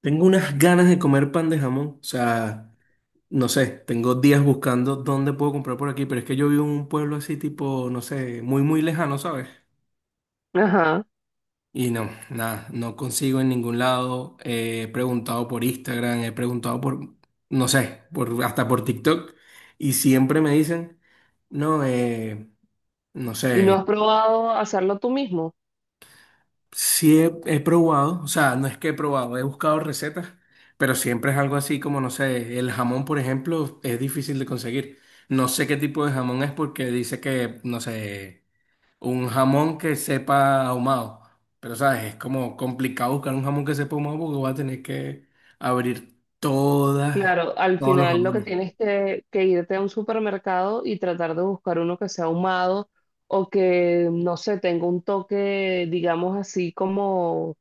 Tengo unas ganas de comer pan de jamón. O sea, no sé, tengo días buscando dónde puedo comprar por aquí, pero es que yo vivo en un pueblo así tipo, no sé, muy, muy lejano, ¿sabes? Ajá. Y no, nada, no consigo en ningún lado. He preguntado por Instagram, he preguntado por, no sé, por, hasta por TikTok. Y siempre me dicen, no, no Y no sé. has probado hacerlo tú mismo. Sí he probado, o sea, no es que he probado, he buscado recetas, pero siempre es algo así como, no sé, el jamón, por ejemplo, es difícil de conseguir. No sé qué tipo de jamón es porque dice que, no sé, un jamón que sepa ahumado, pero sabes, es como complicado buscar un jamón que sepa ahumado porque vas a tener que abrir todas, Claro, al todos los final lo que jamones. tienes que irte a un supermercado y tratar de buscar uno que sea ahumado o que, no sé, tenga un toque, digamos así, como,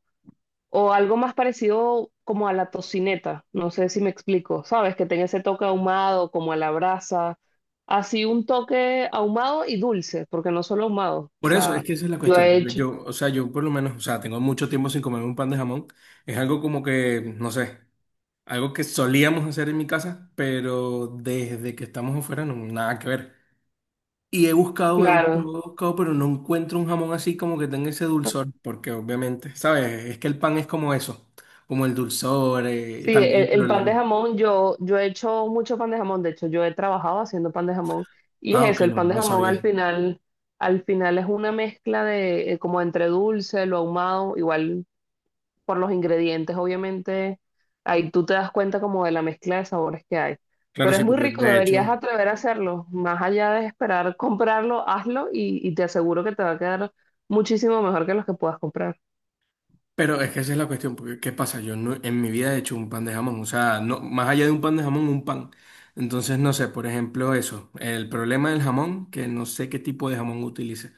o algo más parecido como a la tocineta. No sé si me explico, ¿sabes? Que tenga ese toque ahumado, como a la brasa. Así un toque ahumado y dulce, porque no solo ahumado. O Por eso, es sea, que esa es la yo cuestión. he Porque hecho, yo, o sea, yo por lo menos, o sea, tengo mucho tiempo sin comer un pan de jamón. Es algo como que, no sé. Algo que solíamos hacer en mi casa, pero desde que estamos afuera no, nada que ver. Y he buscado, he claro. buscado, he buscado, pero no encuentro un jamón así como que tenga ese dulzor, porque obviamente, ¿sabes? Es que el pan es como eso, como el dulzor, Sí, también el el pan problema. de jamón, yo he hecho mucho pan de jamón, de hecho yo he trabajado haciendo pan de jamón y Ah, es ok, eso, el no, pan de no jamón sabía. al final es una mezcla de como entre dulce, lo ahumado, igual por los ingredientes, obviamente, ahí tú te das cuenta como de la mezcla de sabores que hay. Claro, Pero es sí, muy porque rico, de deberías hecho, atrever a hacerlo, más allá de esperar comprarlo, hazlo y te aseguro que te va a quedar muchísimo mejor que los que puedas comprar. pero es que esa es la cuestión, porque ¿qué pasa? Yo no, en mi vida he hecho un pan de jamón, o sea, no, más allá de un pan de jamón, un pan. Entonces, no sé, por ejemplo, eso, el problema del jamón, que no sé qué tipo de jamón utilice,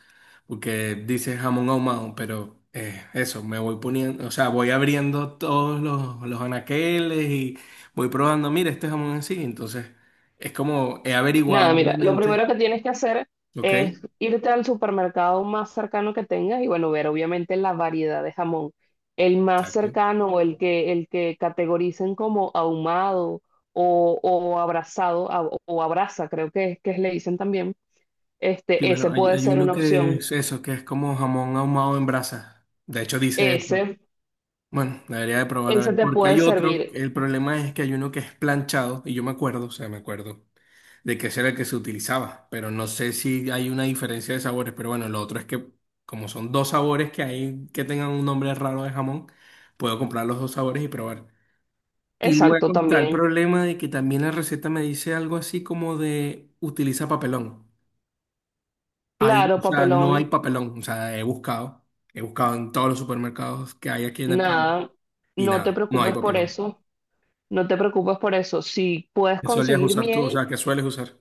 porque dice jamón ahumado, pero eso, me voy poniendo, o sea, voy abriendo todos los anaqueles y voy probando, mira, este jamón así, entonces, es como he averiguado, Nada, mira, lo primero obviamente, que tienes que hacer ¿ok? es irte al supermercado más cercano que tengas y bueno, ver obviamente la variedad de jamón. El más Exacto. cercano o el que categoricen como ahumado o abraza, creo que le dicen también, Sí, bueno, ese hay, puede hay ser uno una que opción. es eso, que es como jamón ahumado en brasa. De hecho, dice eso. Ese, Bueno, debería de probar a ver. ese te Porque puede hay otro, servir. el problema es que hay uno que es planchado, y yo me acuerdo, o sea, me acuerdo de que ese era el que se utilizaba, pero no sé si hay una diferencia de sabores. Pero bueno, lo otro es que, como son dos sabores que hay que tengan un nombre raro de jamón, puedo comprar los dos sabores y probar. Y luego Exacto, está el también. problema de que también la receta me dice algo así como de utiliza papelón. Hay, Claro, o sea, papelón, no hay papelón. O sea, he buscado en todos los supermercados que hay aquí en el pueblo nada, y no te nada, no hay preocupes por papelón. eso. No te preocupes por eso. Si puedes ¿Qué solías conseguir usar tú? O miel, sea, ¿qué sueles usar?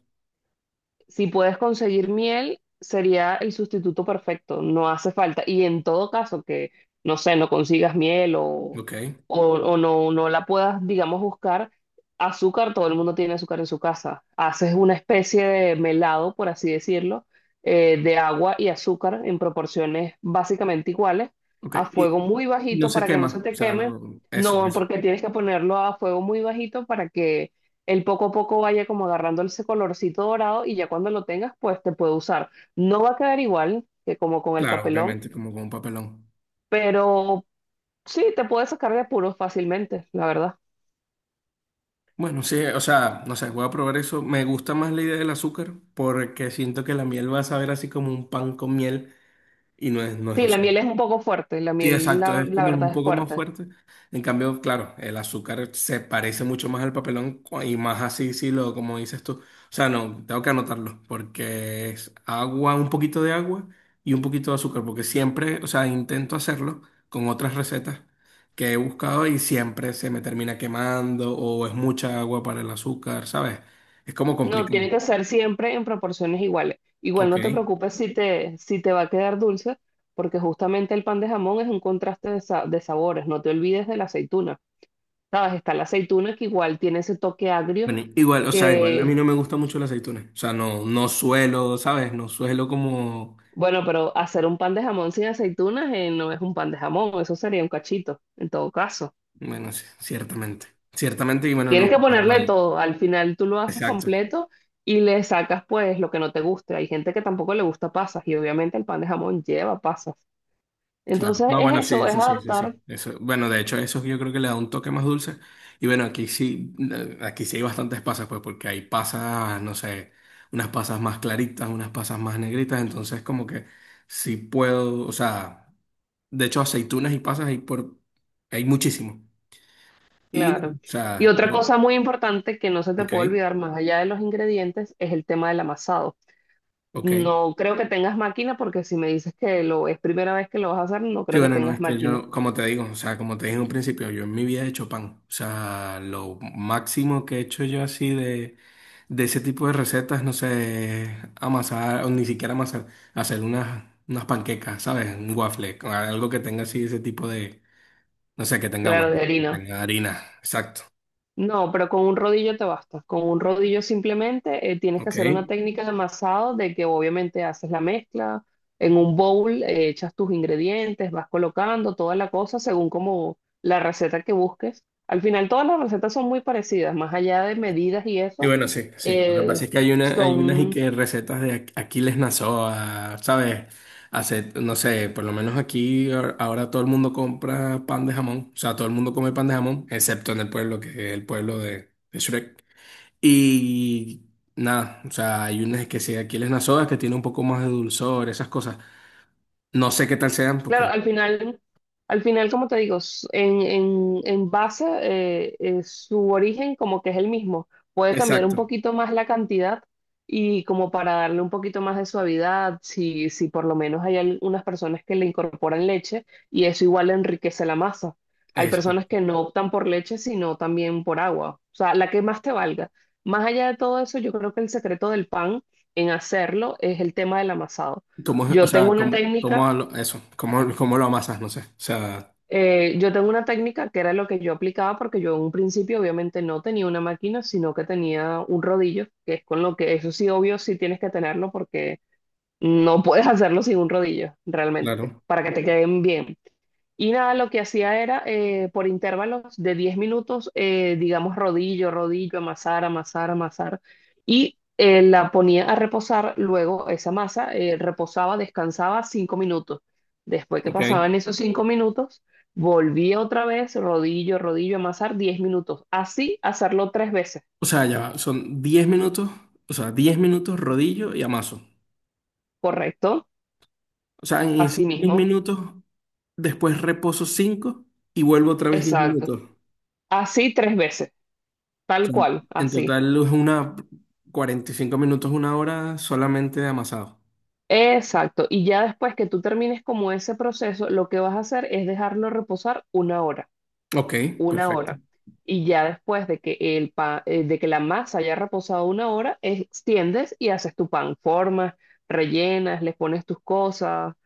Si puedes conseguir miel, sería el sustituto perfecto, no hace falta. Y en todo caso que, no sé, no consigas miel o, Ok, o no la puedas, digamos, buscar, azúcar, todo el mundo tiene azúcar en su casa. Haces una especie de melado, por así decirlo, de agua y azúcar en proporciones básicamente iguales, ok. a fuego Y, muy y no bajito se para que no se quema. O te sea, queme. Eso, No, eso. porque tienes que ponerlo a fuego muy bajito para que el poco a poco vaya como agarrando ese colorcito dorado y ya cuando lo tengas, pues te puede usar. No va a quedar igual que como con el Claro, papelón, obviamente, como con un papelón. pero sí, te puedes sacar de apuros fácilmente, la verdad. Bueno, sí, o sea, no sé, voy a probar eso. Me gusta más la idea del azúcar porque siento que la miel va a saber así como un pan con miel y no es, Sí, o la sea, miel es un poco fuerte, la sí, miel, exacto, la, es la como verdad, un es poco más fuerte. fuerte. En cambio, claro, el azúcar se parece mucho más al papelón y más así, sí, lo, como dices tú. O sea, no, tengo que anotarlo, porque es agua, un poquito de agua y un poquito de azúcar, porque siempre, o sea, intento hacerlo con otras recetas que he buscado y siempre se me termina quemando o es mucha agua para el azúcar, ¿sabes? Es como No, tiene que complicado. ser siempre en proporciones iguales. Igual Ok. no te preocupes si te va a quedar dulce, porque justamente el pan de jamón es un contraste de sabores. No te olvides de la aceituna. ¿Sabes? Está la aceituna que igual tiene ese toque agrio. Bueno, igual, o sea, igual a mí no me gusta mucho las aceitunas. O sea, no, no suelo, ¿sabes? No suelo como Bueno, pero hacer un pan de jamón sin aceitunas no es un pan de jamón, eso sería un cachito, en todo caso. bueno, sí, ciertamente. Ciertamente, y bueno, Tienes que no, ponerle igual. todo, al final tú lo haces Exacto, completo y le sacas pues lo que no te guste. Hay gente que tampoco le gusta pasas y obviamente el pan de jamón lleva pasas. claro. Entonces No, es bueno, sí, eso, es eso sí, eso sí. adaptar, Eso, bueno, de hecho, eso yo creo que le da un toque más dulce. Y bueno, aquí sí hay bastantes pasas, pues, porque hay pasas, no sé, unas pasas más claritas, unas pasas más negritas, entonces como que sí puedo, o sea, de hecho, aceitunas y pasas hay por, hay muchísimo. Y, no, claro. o Y sea, otra cosa muy importante que no se te ok, puede olvidar más allá de los ingredientes es el tema del amasado. ok. No creo que tengas máquina porque si me dices que lo es primera vez que lo vas a hacer, no Sí, creo que bueno, no, tengas es que máquina. yo, como te digo, o sea, como te dije en un principio, yo en mi vida he hecho pan. O sea, lo máximo que he hecho yo así de ese tipo de recetas, no sé, amasar, o ni siquiera amasar, hacer unas panquecas, ¿sabes? Un waffle, con algo que tenga así ese tipo de, no sé, que tenga Claro, huevo, de que harina. tenga harina, exacto, No, pero con un rodillo te basta. Con un rodillo simplemente tienes que ¿ok? hacer una técnica de amasado de que obviamente haces la mezcla. En un bowl echas tus ingredientes, vas colocando toda la cosa según como la receta que busques. Al final todas las recetas son muy parecidas, más allá de medidas y Y eso, bueno, sí, sí. Lo que eh, pasa es que hay una, hay unas y son. que recetas de Aquiles Nazoa, ¿sabes? Hace, no sé, por lo menos aquí ahora todo el mundo compra pan de jamón. O sea, todo el mundo come pan de jamón, excepto en el pueblo, que es el pueblo de Shrek. Y nada, o sea, hay unas que sí, de Aquiles Nazoa, que tiene un poco más de dulzor, esas cosas. No sé qué tal sean, Claro, porque... al final, como te digo, en, en base, su origen como que es el mismo. Puede cambiar un Exacto. poquito más la cantidad y como para darle un poquito más de suavidad, si por lo menos hay algunas personas que le incorporan leche y eso igual enriquece la masa. Hay Eso. personas que no optan por leche, sino también por agua. O sea, la que más te valga. Más allá de todo eso, yo creo que el secreto del pan en hacerlo es el tema del amasado. ¿Cómo, o Yo tengo sea, una cómo, técnica. cómo eso? ¿Cómo lo amasas? No sé. O sea, Yo tengo una técnica que era lo que yo aplicaba porque yo en un principio obviamente no tenía una máquina, sino que tenía un rodillo, que es con lo que eso sí obvio sí tienes que tenerlo porque no puedes hacerlo sin un rodillo realmente, claro. para que te queden bien. Y nada, lo que hacía era por intervalos de 10 minutos, digamos rodillo, rodillo, amasar, amasar, amasar, y la ponía a reposar, luego esa masa reposaba, descansaba 5 minutos. Después que Ok. pasaban esos 5 minutos, volvía otra vez, rodillo, rodillo, amasar 10 minutos. Así hacerlo tres veces, O sea, ya va, son 10 minutos, o sea, 10 minutos rodillo y amaso. ¿correcto? O sea, en esos Así 10 mismo, minutos, después reposo 5 y vuelvo otra vez 10 exacto. minutos. O Así tres veces, tal sea, cual, en así. total es una 45 minutos, una hora solamente de amasado. Exacto. Y ya después que tú termines como ese proceso, lo que vas a hacer es dejarlo reposar una hora, Ok, una perfecto. hora. Y ya después de que la masa haya reposado una hora, extiendes y haces tu pan, formas, rellenas, le pones tus cosas. O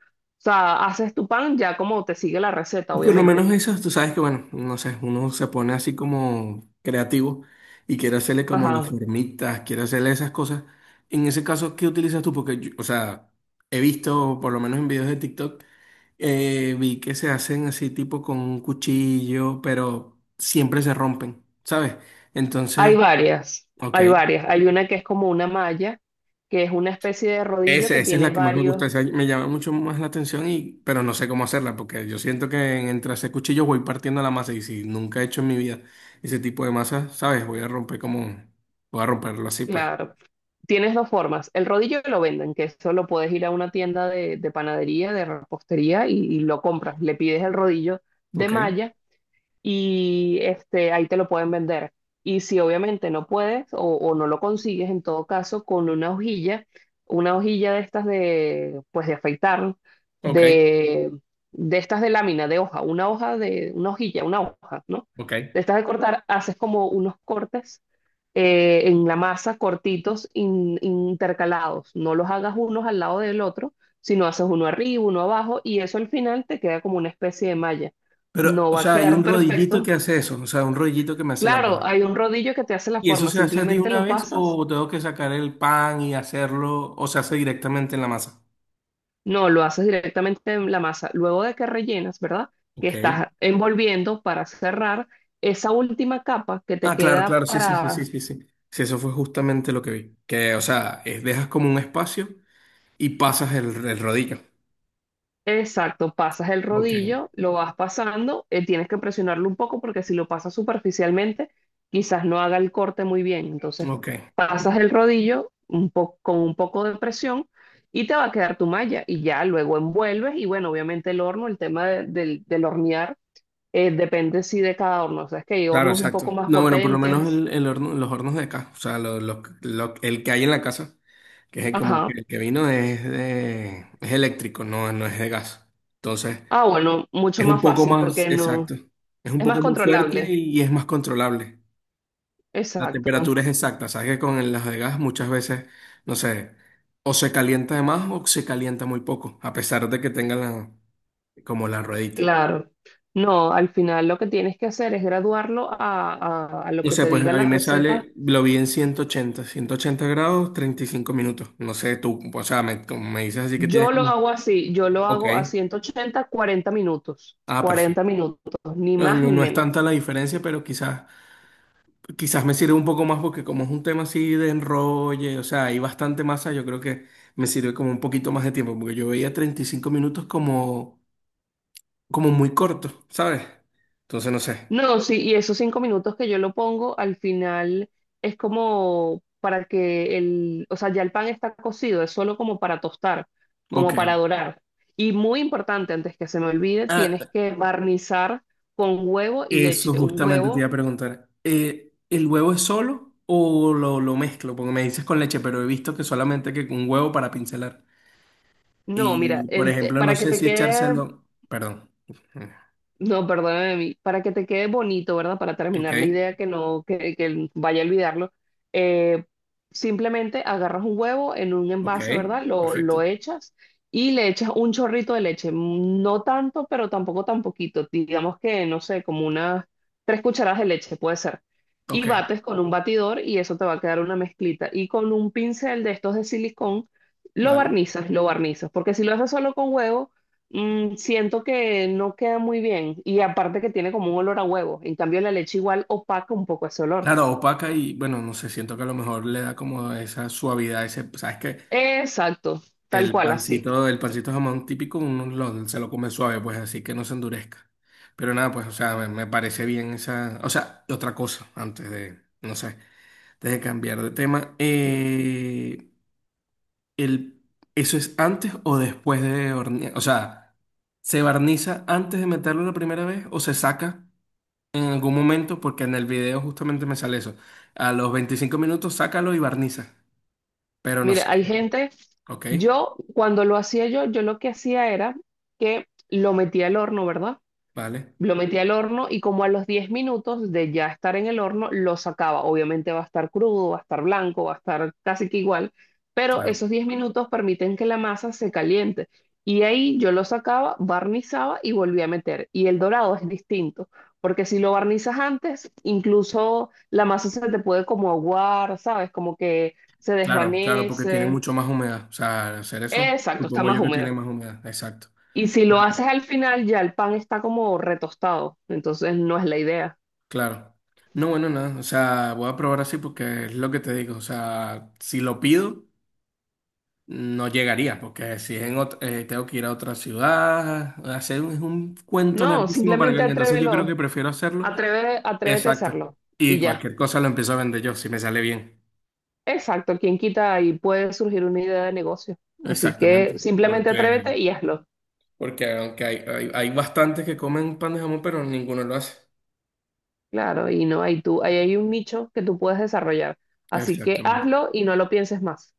sea, haces tu pan ya como te sigue la receta, Por lo obviamente. menos eso, tú sabes que, bueno, no sé, uno se pone así como creativo y quiere hacerle como las Ajá. formitas, quiere hacerle esas cosas. En ese caso, ¿qué utilizas tú? Porque, o sea, he visto, por lo menos en videos de TikTok, vi que se hacen así tipo con un cuchillo, pero siempre se rompen, ¿sabes? Hay Entonces, varias, ok. hay varias. Hay una que es como una malla, que es una especie de rodillo Esa, que esa es tiene la que más me varios. gusta, esa me llama mucho más la atención, pero no sé cómo hacerla, porque yo siento que entre hacer cuchillos voy partiendo la masa, y si nunca he hecho en mi vida ese tipo de masa, ¿sabes? Voy a romper como, voy a romperlo así, pues. Claro. Tienes dos formas. El rodillo lo venden, que eso lo puedes ir a una tienda de panadería, de repostería y lo compras. Le pides el rodillo de Ok, malla y ahí te lo pueden vender. Y si obviamente no puedes o no lo consigues, en todo caso, con una hojilla de estas de, pues de afeitar, ok, de, de estas de lámina, de hoja, una hoja de, una hojilla, una hoja, ¿no? ok. De estas de cortar, haces como unos cortes en la masa cortitos intercalados. No los hagas unos al lado del otro, sino haces uno arriba, uno abajo y eso al final te queda como una especie de malla. Pero, No o va a sea, hay quedar un rodillito perfecto. que hace eso, o sea, un rodillito que me hace la Claro, masa. hay un rodillo que te hace la ¿Y eso forma, se hace de simplemente una lo vez pasas. o tengo que sacar el pan y hacerlo, o se hace directamente en la masa? No, lo haces directamente en la masa. Luego de que rellenas, ¿verdad? Que Ok. estás envolviendo para cerrar esa última capa que te Ah, claro, queda claro, sí, sí, sí, sí, para. sí, sí. Sí, eso fue justamente lo que vi. Que, o sea, dejas como un espacio y pasas el rodillo. Exacto, pasas el Ok, rodillo, lo vas pasando, tienes que presionarlo un poco porque si lo pasas superficialmente, quizás no haga el corte muy bien. Entonces, ok. pasas el rodillo con un poco de presión y te va a quedar tu malla y ya luego envuelves y bueno, obviamente el horno, el tema del hornear, depende sí de cada horno. O sea, es que hay Claro, hornos un poco exacto. más No, bueno, por lo menos potentes. Los hornos de acá, o sea, el que hay en la casa, que es el, como que Ajá. el que vino es es eléctrico, no, no es de gas. Entonces, Ah, bueno, mucho es un más poco fácil más, porque no, exacto, es un es más poco más fuerte controlable. y es más controlable. La Exacto. temperatura es exacta, sabes que con las de gas muchas veces, no sé, o se calienta de más o se calienta muy poco, a pesar de que tengan como la ruedita. Claro. No, al final lo que tienes que hacer es graduarlo a lo No que sé, te pues diga a la mí me receta. sale, lo vi en ciento ochenta grados, 35 minutos. No sé, tú, o sea, me, como me dices así que tienes Yo lo que... hago así, yo lo Ok, hago a 180, 40 minutos, ah, 40 perfecto. minutos, ni No, más no, ni no es tanta menos. la diferencia, pero quizás me sirve un poco más porque como es un tema así de enrolle, o sea, hay bastante masa, yo creo que me sirve como un poquito más de tiempo, porque yo veía 35 minutos como muy corto, ¿sabes? Entonces no sé. No, sí, y esos 5 minutos que yo lo pongo, al final es como para que o sea, ya el pan está cocido, es solo como para tostar, como Ok. para dorar. Y muy importante, antes que se me olvide, tienes Ah, que barnizar con huevo y eso leche, un justamente te iba huevo. a preguntar. ¿El huevo es solo o lo mezclo? Porque me dices con leche, pero he visto que solamente que un huevo para pincelar. No, mira, Y, por ejemplo, para no que sé te si quede, echárselo. Perdón. no, perdóname a mí, para que te quede bonito, ¿verdad? Para Ok, terminar la idea que no, que vaya a olvidarlo, eh, simplemente agarras un huevo en un ok, envase, ¿verdad? Lo perfecto. echas y le echas un chorrito de leche, no tanto, pero tampoco tan poquito, digamos que, no sé, como unas 3 cucharadas de leche puede ser. Y Ok, bates con un batidor y eso te va a quedar una mezclita. Y con un pincel de estos de silicón, vale. Lo barnizas, porque si lo haces solo con huevo, siento que no queda muy bien y aparte que tiene como un olor a huevo. En cambio, la leche igual opaca un poco ese olor. Claro, opaca y bueno, no sé, siento que a lo mejor le da como esa suavidad, ese, ¿sabes qué? Exacto, tal cual así. El pancito de jamón típico, uno se lo come suave, pues así que no se endurezca. Pero nada, pues, o sea, me parece bien esa. O sea, y otra cosa, antes de, no sé, antes de cambiar de tema. El, ¿Eso es antes o después de hornear? O sea, ¿se barniza antes de meterlo la primera vez o se saca en algún momento? Porque en el video justamente me sale eso. A los 25 minutos, sácalo y barniza. Pero no sé. Mira, hay gente, Ok, yo cuando lo hacía yo, lo que hacía era que lo metía al horno, ¿verdad? vale, Lo metí al horno y como a los 10 minutos de ya estar en el horno, lo sacaba. Obviamente va a estar crudo, va a estar blanco, va a estar casi que igual, pero claro. esos 10 minutos permiten que la masa se caliente. Y ahí yo lo sacaba, barnizaba y volví a meter. Y el dorado es distinto, porque si lo barnizas antes, incluso la masa se te puede como aguar, ¿sabes? Como que se Claro, claro, porque tiene desvanece. mucho más humedad. O sea, al hacer eso, Exacto, está supongo más yo que tiene húmeda. más humedad. Exacto. Y si lo Bueno, haces al final, ya el pan está como retostado, entonces no es la idea. claro. No, bueno, nada. O sea, voy a probar así porque es lo que te digo. O sea, si lo pido, no llegaría, porque si es en otra, tengo que ir a otra ciudad, hacer es un cuento No, larguísimo para que simplemente venga. Entonces yo creo atrévelo, que prefiero hacerlo. atreve, atrévete a Exacto. hacerlo y Y ya. cualquier cosa lo empiezo a vender yo, si me sale bien. Exacto, quien quita y puede surgir una idea de negocio. Así Exactamente. que simplemente Porque, atrévete y hazlo. porque aunque hay bastantes que comen pan de jamón, pero ninguno lo hace. Claro, y no hay tú, ahí hay un nicho que tú puedes desarrollar. Así que Exactamente. hazlo y no lo pienses más.